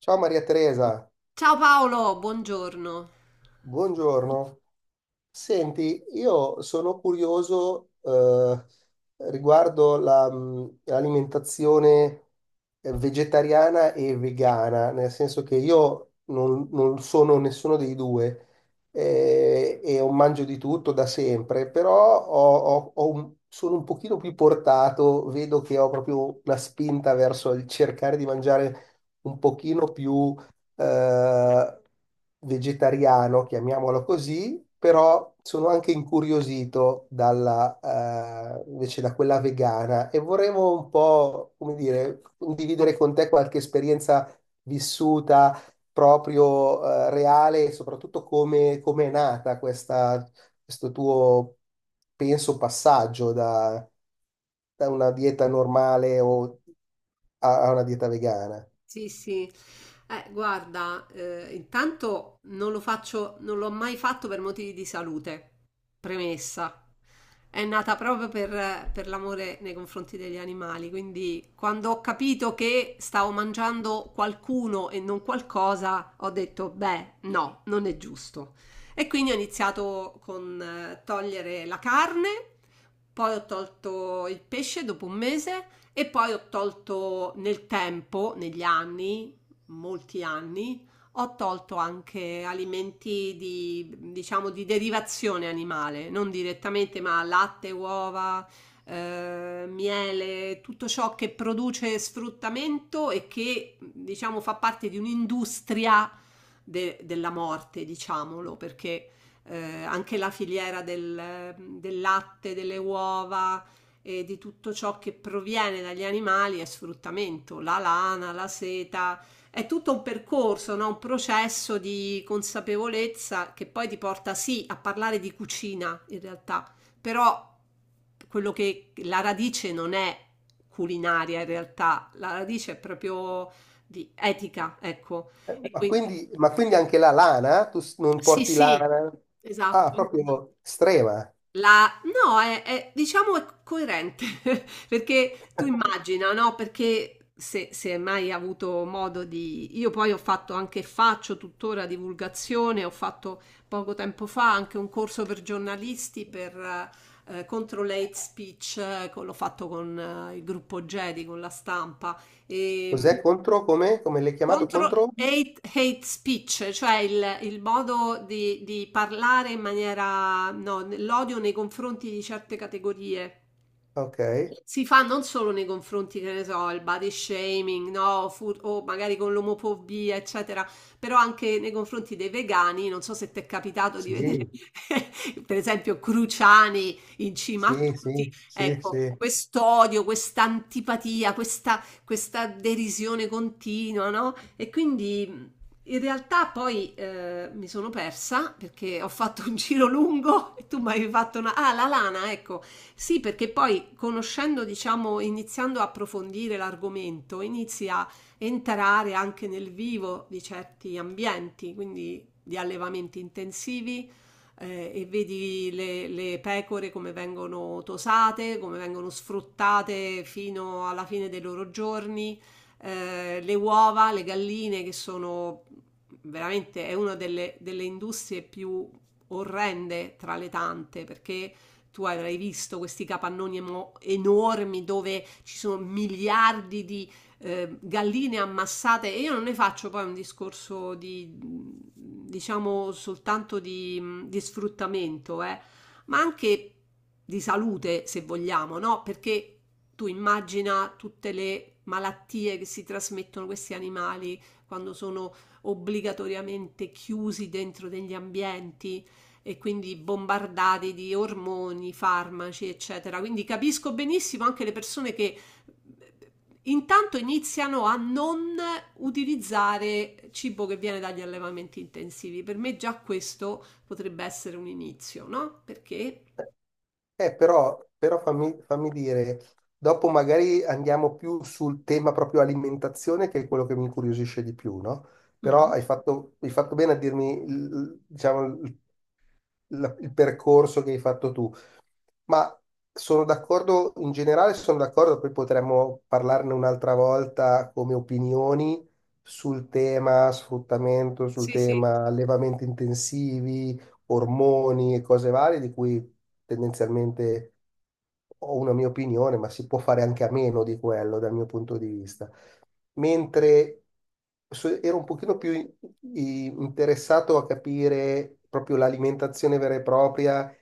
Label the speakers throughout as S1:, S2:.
S1: Ciao Maria Teresa,
S2: Ciao Paolo, buongiorno.
S1: buongiorno. Senti, io sono curioso riguardo la, l'alimentazione vegetariana e vegana, nel senso che io non sono nessuno dei due e ho mangio di tutto da sempre, però sono un pochino più portato, vedo che ho proprio una spinta verso il cercare di mangiare un pochino più eh, vegetariano, chiamiamolo così, però sono anche incuriosito dalla, invece da quella vegana e vorremmo un po', come dire, condividere con te qualche esperienza vissuta proprio, reale e soprattutto come, come è nata questa, questo tuo, penso, passaggio da una dieta normale o a una dieta vegana.
S2: Sì, sì. Guarda, intanto non lo faccio, non l'ho mai fatto per motivi di salute. Premessa. È nata proprio per l'amore nei confronti degli animali, quindi quando ho capito che stavo mangiando qualcuno e non qualcosa, ho detto, beh, no, non è giusto. E quindi ho iniziato con togliere la carne, poi ho tolto il pesce dopo un mese. E poi ho tolto nel tempo, negli anni, molti anni, ho tolto anche alimenti di, diciamo, di derivazione animale, non direttamente, ma latte, uova, miele, tutto ciò che produce sfruttamento e che, diciamo, fa parte di un'industria della morte, diciamolo, perché anche la filiera del latte, delle uova e di tutto ciò che proviene dagli animali è sfruttamento, la lana, la seta, è tutto un percorso, no? Un processo di consapevolezza che poi ti porta sì a parlare di cucina in realtà, però quello che la radice non è culinaria in realtà, la radice è proprio di etica, ecco.
S1: Eh,
S2: E
S1: Ma
S2: quindi
S1: quindi, ma quindi anche la lana? Tu non
S2: sì,
S1: porti
S2: sì,
S1: lana?
S2: esatto.
S1: Ah, proprio strema.
S2: La, no, è diciamo è coerente, perché tu immagina, no, perché se mai hai mai avuto modo di io poi ho fatto anche faccio tuttora divulgazione, ho fatto poco tempo fa anche un corso per giornalisti per contro l'hate speech, l'ho fatto con il gruppo Jedi, con la stampa, ehm,
S1: Cos'è contro? Come? Come l'hai chiamato
S2: contro
S1: contro?
S2: hate speech, cioè il modo di parlare in maniera, no, l'odio nei confronti di certe categorie,
S1: Ok,
S2: si fa non solo nei confronti, che ne so, il body shaming, no, o magari con l'omofobia, eccetera, però anche nei confronti dei vegani, non so se ti è capitato di vedere,
S1: sì,
S2: per esempio, Cruciani in cima a
S1: sì,
S2: tutti,
S1: sì, sì,
S2: ecco,
S1: sì.
S2: quest'odio, questa antipatia, questa derisione continua, no? E quindi in realtà poi mi sono persa perché ho fatto un giro lungo e tu mi hai fatto una. Ah, la lana, ecco. Sì, perché poi conoscendo, diciamo, iniziando a approfondire l'argomento, inizi a entrare anche nel vivo di certi ambienti, quindi di allevamenti intensivi, e vedi le pecore come vengono tosate, come vengono sfruttate fino alla fine dei loro giorni, le uova, le galline che sono veramente è una delle industrie più orrende tra le tante, perché tu avrai visto questi capannoni enormi dove ci sono miliardi di galline ammassate, e io non ne faccio poi un discorso di diciamo soltanto di sfruttamento, ma anche di salute, se vogliamo, no? Perché tu immagina tutte le malattie che si trasmettono questi animali quando sono obbligatoriamente chiusi dentro degli ambienti e quindi bombardati di ormoni, farmaci, eccetera. Quindi capisco benissimo anche le persone che intanto iniziano a non utilizzare cibo che viene dagli allevamenti intensivi. Per me già questo potrebbe essere un inizio, no? Perché?
S1: Però fammi dire, dopo magari andiamo più sul tema proprio alimentazione, che è quello che mi incuriosisce di più, no? Però
S2: Mhm.
S1: hai fatto bene a dirmi, diciamo, il percorso che hai fatto tu. Ma sono d'accordo, in generale sono d'accordo, poi potremmo parlarne un'altra volta come opinioni sul tema sfruttamento, sul
S2: Sì, sì,
S1: tema allevamenti intensivi, ormoni e cose varie, di cui tendenzialmente ho una mia opinione, ma si può fare anche a meno di quello dal mio punto di vista mentre ero un pochino più interessato a capire proprio l'alimentazione vera e propria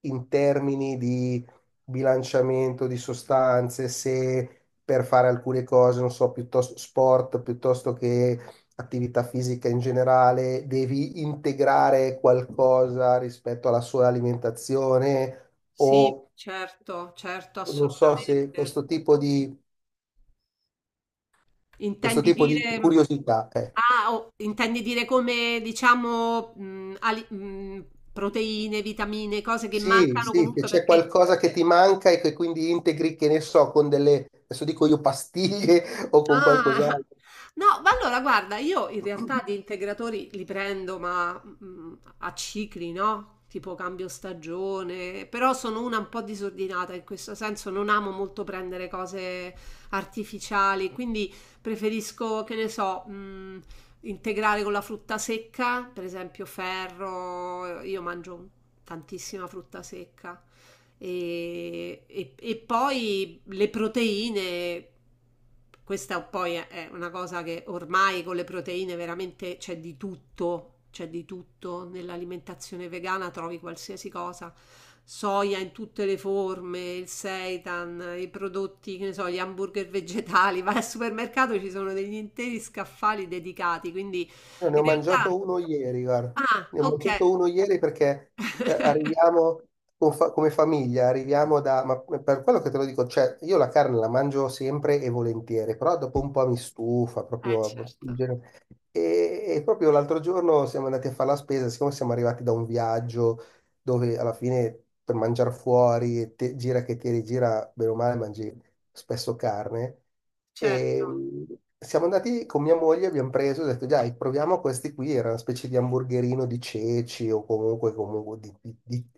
S1: in termini di bilanciamento di sostanze, se per fare alcune cose, non so, piuttosto sport, piuttosto che attività fisica in generale, devi integrare qualcosa rispetto alla sua alimentazione
S2: sì,
S1: o
S2: certo, certo,
S1: non so se
S2: assolutamente.
S1: questo
S2: Intendi
S1: tipo di
S2: dire.
S1: curiosità.
S2: Ah, oh, intendi dire come, diciamo, proteine, vitamine, cose che
S1: Sì,
S2: mancano
S1: sì, che
S2: comunque,
S1: c'è
S2: perché.
S1: qualcosa che ti manca e che quindi integri, che ne so, con delle, adesso dico io, pastiglie o con
S2: Ah!
S1: qualcos'altro.
S2: No, ma allora guarda, io in realtà di integratori li prendo, ma, a cicli, no? Tipo cambio stagione, però sono una un po' disordinata in questo senso, non amo molto prendere cose artificiali, quindi preferisco, che ne so, integrare con la frutta secca, per esempio ferro, io mangio tantissima frutta secca. E poi le proteine, questa poi è una cosa che ormai con le proteine veramente c'è di tutto nell'alimentazione vegana, trovi qualsiasi cosa. Soia in tutte le forme, il seitan, i prodotti, che ne so, gli hamburger vegetali. Vai al supermercato, ci sono degli interi scaffali dedicati, quindi
S1: Io ne
S2: in
S1: ho
S2: realtà.
S1: mangiato uno ieri, guarda.
S2: Ah,
S1: Ne ho
S2: ok.
S1: mangiato uno ieri perché arriviamo con come famiglia, arriviamo da. Ma per quello che te lo dico, cioè, io la carne la mangio sempre e volentieri, però dopo un po' mi stufa, proprio in
S2: Certo,
S1: genere. E proprio l'altro giorno siamo andati a fare la spesa, siccome siamo arrivati da un viaggio dove alla fine per mangiare fuori, gira che ti rigira, bene o male mangi spesso carne. E
S2: certo.
S1: siamo andati con mia moglie, abbiamo preso e ho detto, dai, proviamo questi qui, era una specie di hamburgerino di ceci o comunque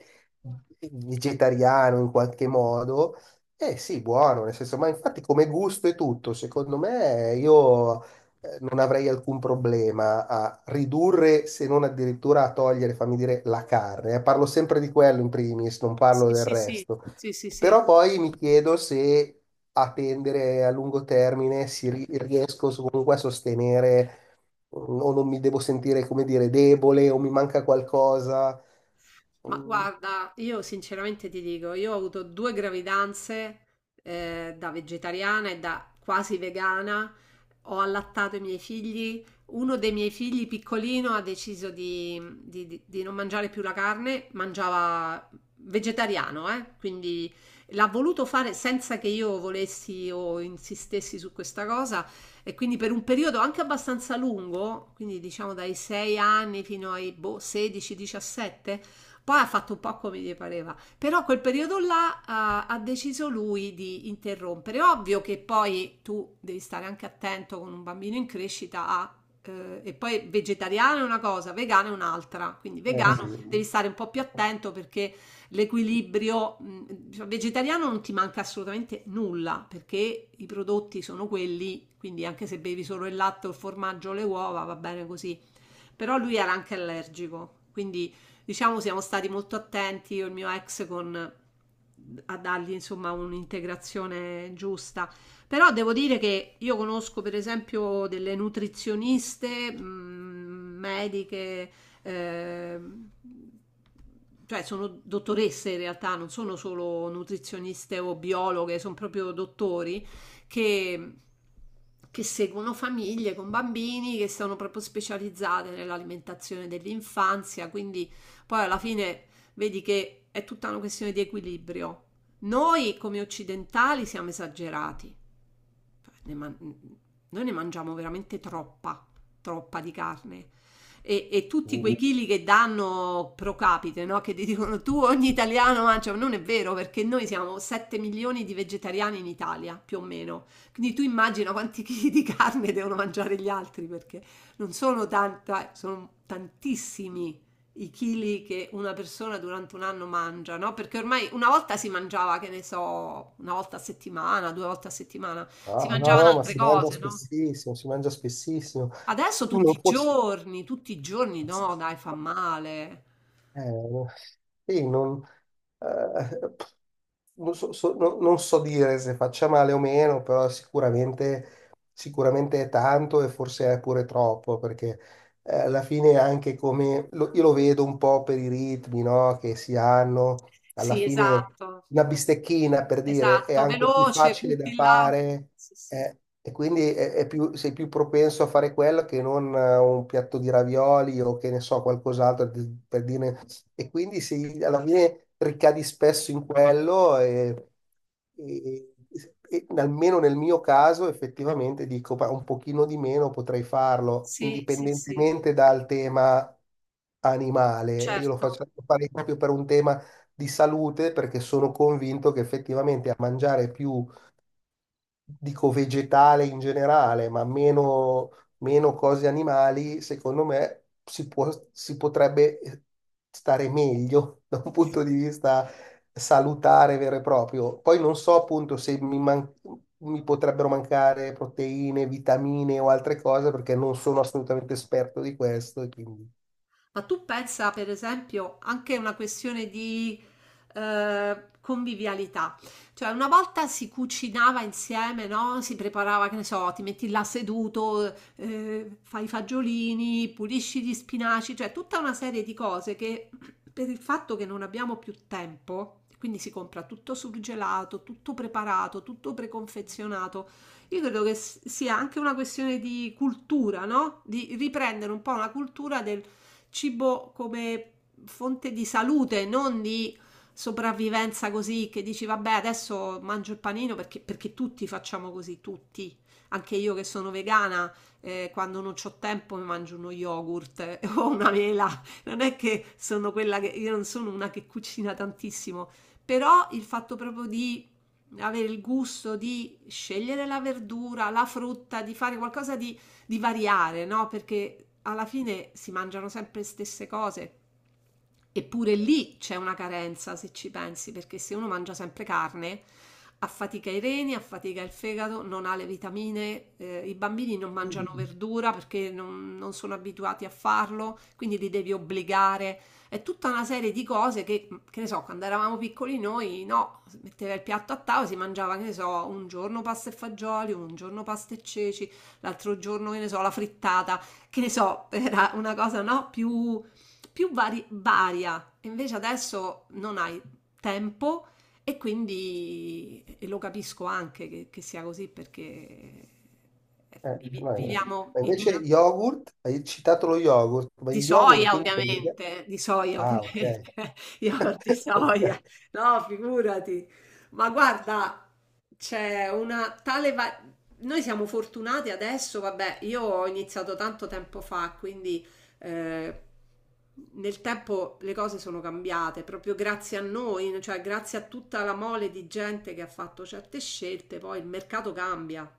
S1: vegetariano in qualche modo. Eh sì, buono, nel senso, ma infatti come gusto e tutto, secondo me io non avrei alcun problema a ridurre, se non addirittura a togliere, fammi dire, la carne. Parlo sempre di quello in primis, non parlo
S2: Sì,
S1: del
S2: sì, sì,
S1: resto.
S2: sì, sì, sì.
S1: Però poi mi chiedo se a tendere a lungo termine si riesco comunque a sostenere o non mi devo sentire, come dire, debole o mi manca qualcosa.
S2: Ma
S1: Mm.
S2: guarda, io sinceramente ti dico, io ho avuto due gravidanze, da vegetariana e da quasi vegana, ho allattato i miei figli, uno dei miei figli piccolino ha deciso di non mangiare più la carne, mangiava vegetariano, eh? Quindi l'ha voluto fare senza che io volessi o insistessi su questa cosa e quindi per un periodo anche abbastanza lungo, quindi diciamo dai 6 anni fino ai boh, 16-17, poi ha fatto un po' come gli pareva, però quel periodo là, ha deciso lui di interrompere. Ovvio che poi tu devi stare anche attento con un bambino in crescita a, e poi vegetariano è una cosa, vegano è un'altra, quindi
S1: Eh
S2: vegano
S1: sì.
S2: devi stare un po' più attento perché l'equilibrio, diciamo, vegetariano non ti manca assolutamente nulla perché i prodotti sono quelli, quindi anche se bevi solo il latte, il formaggio, le uova, va bene così. Però lui era anche allergico, quindi diciamo siamo stati molto attenti, io e il mio ex, con, a dargli insomma un'integrazione giusta. Però devo dire che io conosco per esempio delle nutrizioniste, mediche, eh, cioè sono dottoresse in realtà, non sono solo nutrizioniste o biologhe, sono proprio dottori che, che seguono famiglie con bambini che sono proprio specializzate nell'alimentazione dell'infanzia, quindi poi alla fine vedi che è tutta una questione di equilibrio. Noi come occidentali siamo esagerati, ne man- noi ne mangiamo veramente troppa, troppa di carne. E tutti
S1: Mm.
S2: quei chili che danno pro capite, no? Che ti dicono tu ogni italiano mangia, non è vero perché noi siamo 7 milioni di vegetariani in Italia, più o meno. Quindi tu immagina quanti chili di carne devono mangiare gli altri, perché non sono tanta, sono tantissimi i chili che una persona durante un anno mangia, no? Perché ormai una volta si mangiava, che ne so, una volta a settimana, due volte a settimana si
S1: No, no,
S2: mangiavano
S1: no, ma
S2: altre
S1: si mangia
S2: cose, no?
S1: spessissimo, si mangia spessissimo.
S2: Adesso
S1: Tu Non fosse...
S2: tutti i giorni, no, dai, fa male.
S1: Eh, sì, eh, non so dire se faccia male o meno, però sicuramente è tanto e forse è pure troppo, perché alla fine anche come io lo vedo un po' per i ritmi, no, che si hanno, alla
S2: Sì,
S1: fine
S2: esatto,
S1: una bistecchina per dire è
S2: esatto,
S1: anche più
S2: veloce,
S1: facile da
S2: butti là.
S1: fare
S2: Sì, sì,
S1: e quindi sei più propenso a fare quello che non un piatto di ravioli o che ne so, qualcos'altro per dire e quindi si, alla fine ricadi spesso in quello e, e- e almeno nel mio caso effettivamente dico "Ma un pochino di meno potrei farlo,
S2: sì, sì, sì,
S1: indipendentemente dal tema animale." Io lo
S2: certo.
S1: faccio fare proprio per un tema di salute perché sono convinto che effettivamente a mangiare più dico vegetale in generale, ma meno cose animali, secondo me si potrebbe stare meglio da un punto di vista salutare vero e proprio. Poi non so appunto se mi potrebbero mancare proteine, vitamine o altre cose, perché non sono assolutamente esperto di questo. E quindi,
S2: Ma tu pensa, per esempio, anche una questione di convivialità. Cioè, una volta si cucinava insieme, no? Si preparava, che ne so, ti metti là seduto, fai i fagiolini, pulisci gli spinaci, cioè tutta una serie di cose che per il fatto che non abbiamo più tempo, quindi si compra tutto surgelato, tutto preparato, tutto preconfezionato. Io credo che sia anche una questione di cultura, no? Di riprendere un po' una cultura del cibo come fonte di salute, non di sopravvivenza, così che dici vabbè adesso mangio il panino perché, tutti facciamo così, tutti. Anche io che sono vegana, quando non ho tempo mi mangio uno yogurt o una mela. Non è che sono quella che. Io non sono una che cucina tantissimo, però il fatto proprio di avere il gusto di scegliere la verdura, la frutta, di fare qualcosa di variare, no? Perché alla fine si mangiano sempre le stesse cose. Eppure lì c'è una carenza, se ci pensi, perché se uno mangia sempre carne, affatica i reni, affatica il fegato, non ha le vitamine, i bambini non mangiano verdura perché non sono abituati a farlo, quindi li devi obbligare. È tutta una serie di cose che, che ne so, quando eravamo piccoli noi, no, si metteva il piatto a tavola, si mangiava, che ne so, un giorno pasta e fagioli, un giorno pasta e ceci, l'altro giorno, che ne so, la frittata, che ne so, era una cosa, no, più varia. Invece adesso non hai tempo e quindi e lo capisco anche che, sia così, perché
S1: eh, no, eh.
S2: viviamo
S1: Ma
S2: in
S1: invece
S2: una.
S1: yogurt, hai citato lo yogurt, ma il yogurt quindi per i vegani-
S2: Di soia
S1: Ah,
S2: ovviamente,
S1: ok.
S2: yogurt di soia,
S1: Ok.
S2: no figurati. Ma guarda, c'è una tale. Noi siamo fortunati adesso, vabbè, io ho iniziato tanto tempo fa, quindi eh, nel tempo le cose sono cambiate, proprio grazie a noi, cioè grazie a tutta la mole di gente che ha fatto certe scelte, poi il mercato cambia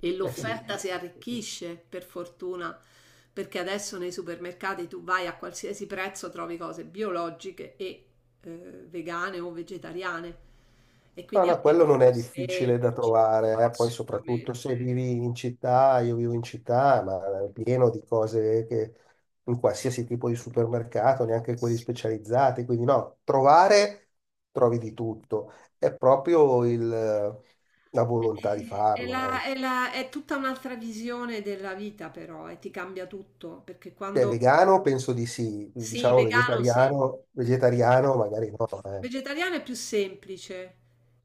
S2: e
S1: Eh sì.
S2: l'offerta si arricchisce per fortuna, perché adesso nei supermercati tu vai a qualsiasi prezzo trovi cose biologiche e eh, vegane o vegetariane e
S1: No,
S2: quindi
S1: no,
S2: anche
S1: quello non
S2: più
S1: è difficile da
S2: semplici. No,
S1: trovare, eh. Poi soprattutto se
S2: assolutamente.
S1: vivi in città, io vivo in città, ma è pieno di cose che in qualsiasi tipo di supermercato, neanche quelli
S2: Sì.
S1: specializzati, quindi no, trovare trovi di tutto, è proprio la volontà di
S2: è,
S1: farlo,
S2: la-
S1: ecco.
S2: è la- è tutta un'altra visione della vita, però, e ti cambia tutto perché
S1: Beh,
S2: quando
S1: vegano penso di sì,
S2: sì,
S1: diciamo
S2: vegano sì.
S1: vegetariano, vegetariano magari no, eh.
S2: Vegetariana è più semplice,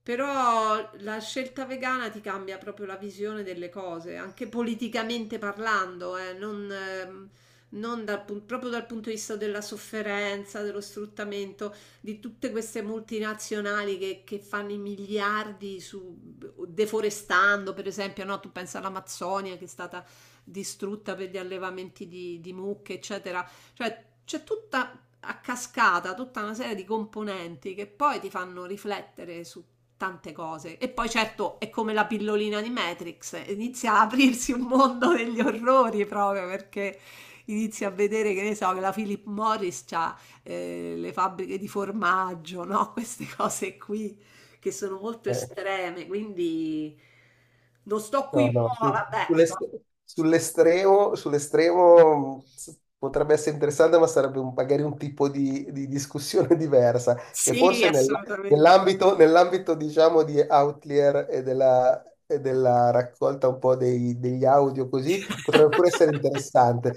S2: però la scelta vegana ti cambia proprio la visione delle cose, anche politicamente parlando, non, non dal proprio dal punto di vista della sofferenza, dello sfruttamento, di tutte queste multinazionali che fanno i miliardi su, deforestando, per esempio, no? Tu pensa all'Amazzonia che è stata distrutta per gli allevamenti di mucche, eccetera. Cioè, c'è tutta a cascata tutta una serie di componenti che poi ti fanno riflettere su tante cose. E poi certo è come la pillolina di Matrix, inizia a aprirsi un mondo degli orrori, proprio perché inizi a vedere che ne so che la Philip Morris ha le fabbriche di formaggio, no? Queste cose qui che sono molto
S1: eh.
S2: estreme, quindi non sto qui,
S1: No,
S2: no,
S1: no,
S2: vabbè, sto.
S1: sull'estremo, potrebbe essere interessante, ma sarebbe magari un tipo di discussione diversa, che
S2: Sì,
S1: forse
S2: assolutamente.
S1: nell'ambito, diciamo, di Outlier e della raccolta un po' degli audio così, potrebbe pure essere interessante,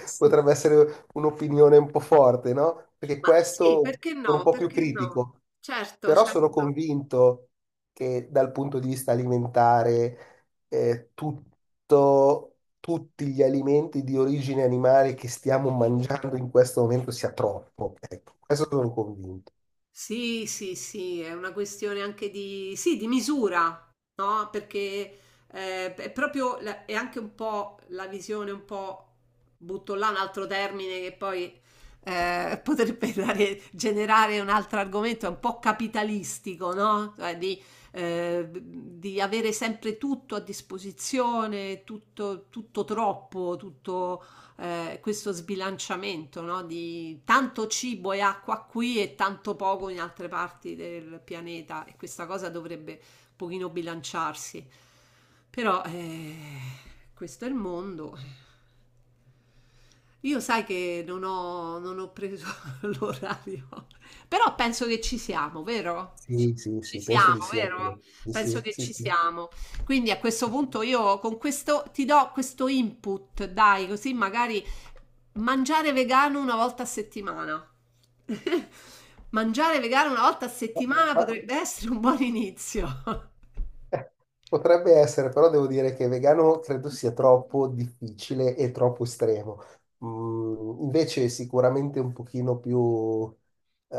S2: Sì, sì.
S1: potrebbe essere un'opinione un po' forte, no? Perché
S2: Ma sì,
S1: questo
S2: perché
S1: sono un
S2: no,
S1: po' più
S2: perché no.
S1: critico,
S2: Certo,
S1: però sono
S2: certo.
S1: convinto che dal punto di vista alimentare tutti gli alimenti di origine animale che stiamo mangiando in questo momento sia troppo. Ecco, questo sono convinto.
S2: Sì, sì, sì, è una questione anche di, sì, di misura, no? Perché è proprio, è anche un po' la visione, un po', butto là un altro termine che poi potrebbe generare un altro argomento, è un po' capitalistico, no? Cioè di avere sempre tutto a disposizione, tutto, tutto troppo, questo sbilanciamento, no? Di tanto cibo e acqua qui e tanto poco in altre parti del pianeta, e questa cosa dovrebbe un pochino bilanciarsi. Però questo è il mondo. Io sai che non ho preso l'orario, però penso che ci siamo, vero? Ci
S1: Sì, sì,
S2: ci
S1: sì, penso di
S2: siamo,
S1: sì
S2: vero?
S1: anch'io. Di
S2: Penso
S1: Sì,
S2: che
S1: sì,
S2: ci
S1: sì.
S2: siamo. Quindi a questo
S1: Sì.
S2: punto io con questo ti do questo input, dai, così magari mangiare vegano una volta a settimana. Mangiare vegano una volta a settimana
S1: Ma,
S2: potrebbe essere un buon inizio.
S1: Eh, Potrebbe essere, però devo dire che vegano credo sia troppo difficile e troppo estremo. Invece sicuramente un pochino più eh,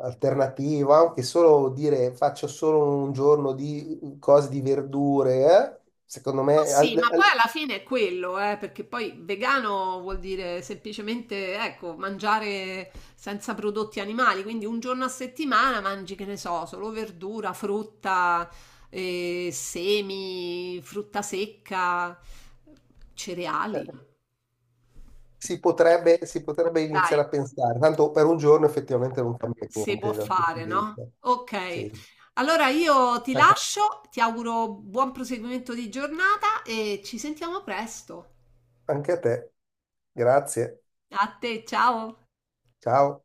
S1: alternativo, anche solo dire faccio solo un giorno di cose di verdure, secondo
S2: Ma
S1: me
S2: sì, ma poi alla fine è quello, perché poi vegano vuol dire semplicemente, ecco, mangiare senza prodotti animali, quindi un giorno a settimana mangi, che ne so, solo verdura, frutta, semi, frutta secca,
S1: eh,
S2: cereali.
S1: si potrebbe
S2: Dai,
S1: iniziare a pensare. Tanto per un giorno effettivamente non cambia
S2: se può
S1: niente dal punto
S2: fare,
S1: di
S2: no?
S1: vista.
S2: Ok,
S1: Sì.
S2: allora io ti
S1: Eh,
S2: lascio, ti auguro buon proseguimento di giornata e ci sentiamo presto.
S1: Anche a te. Grazie.
S2: A te, ciao!
S1: Ciao.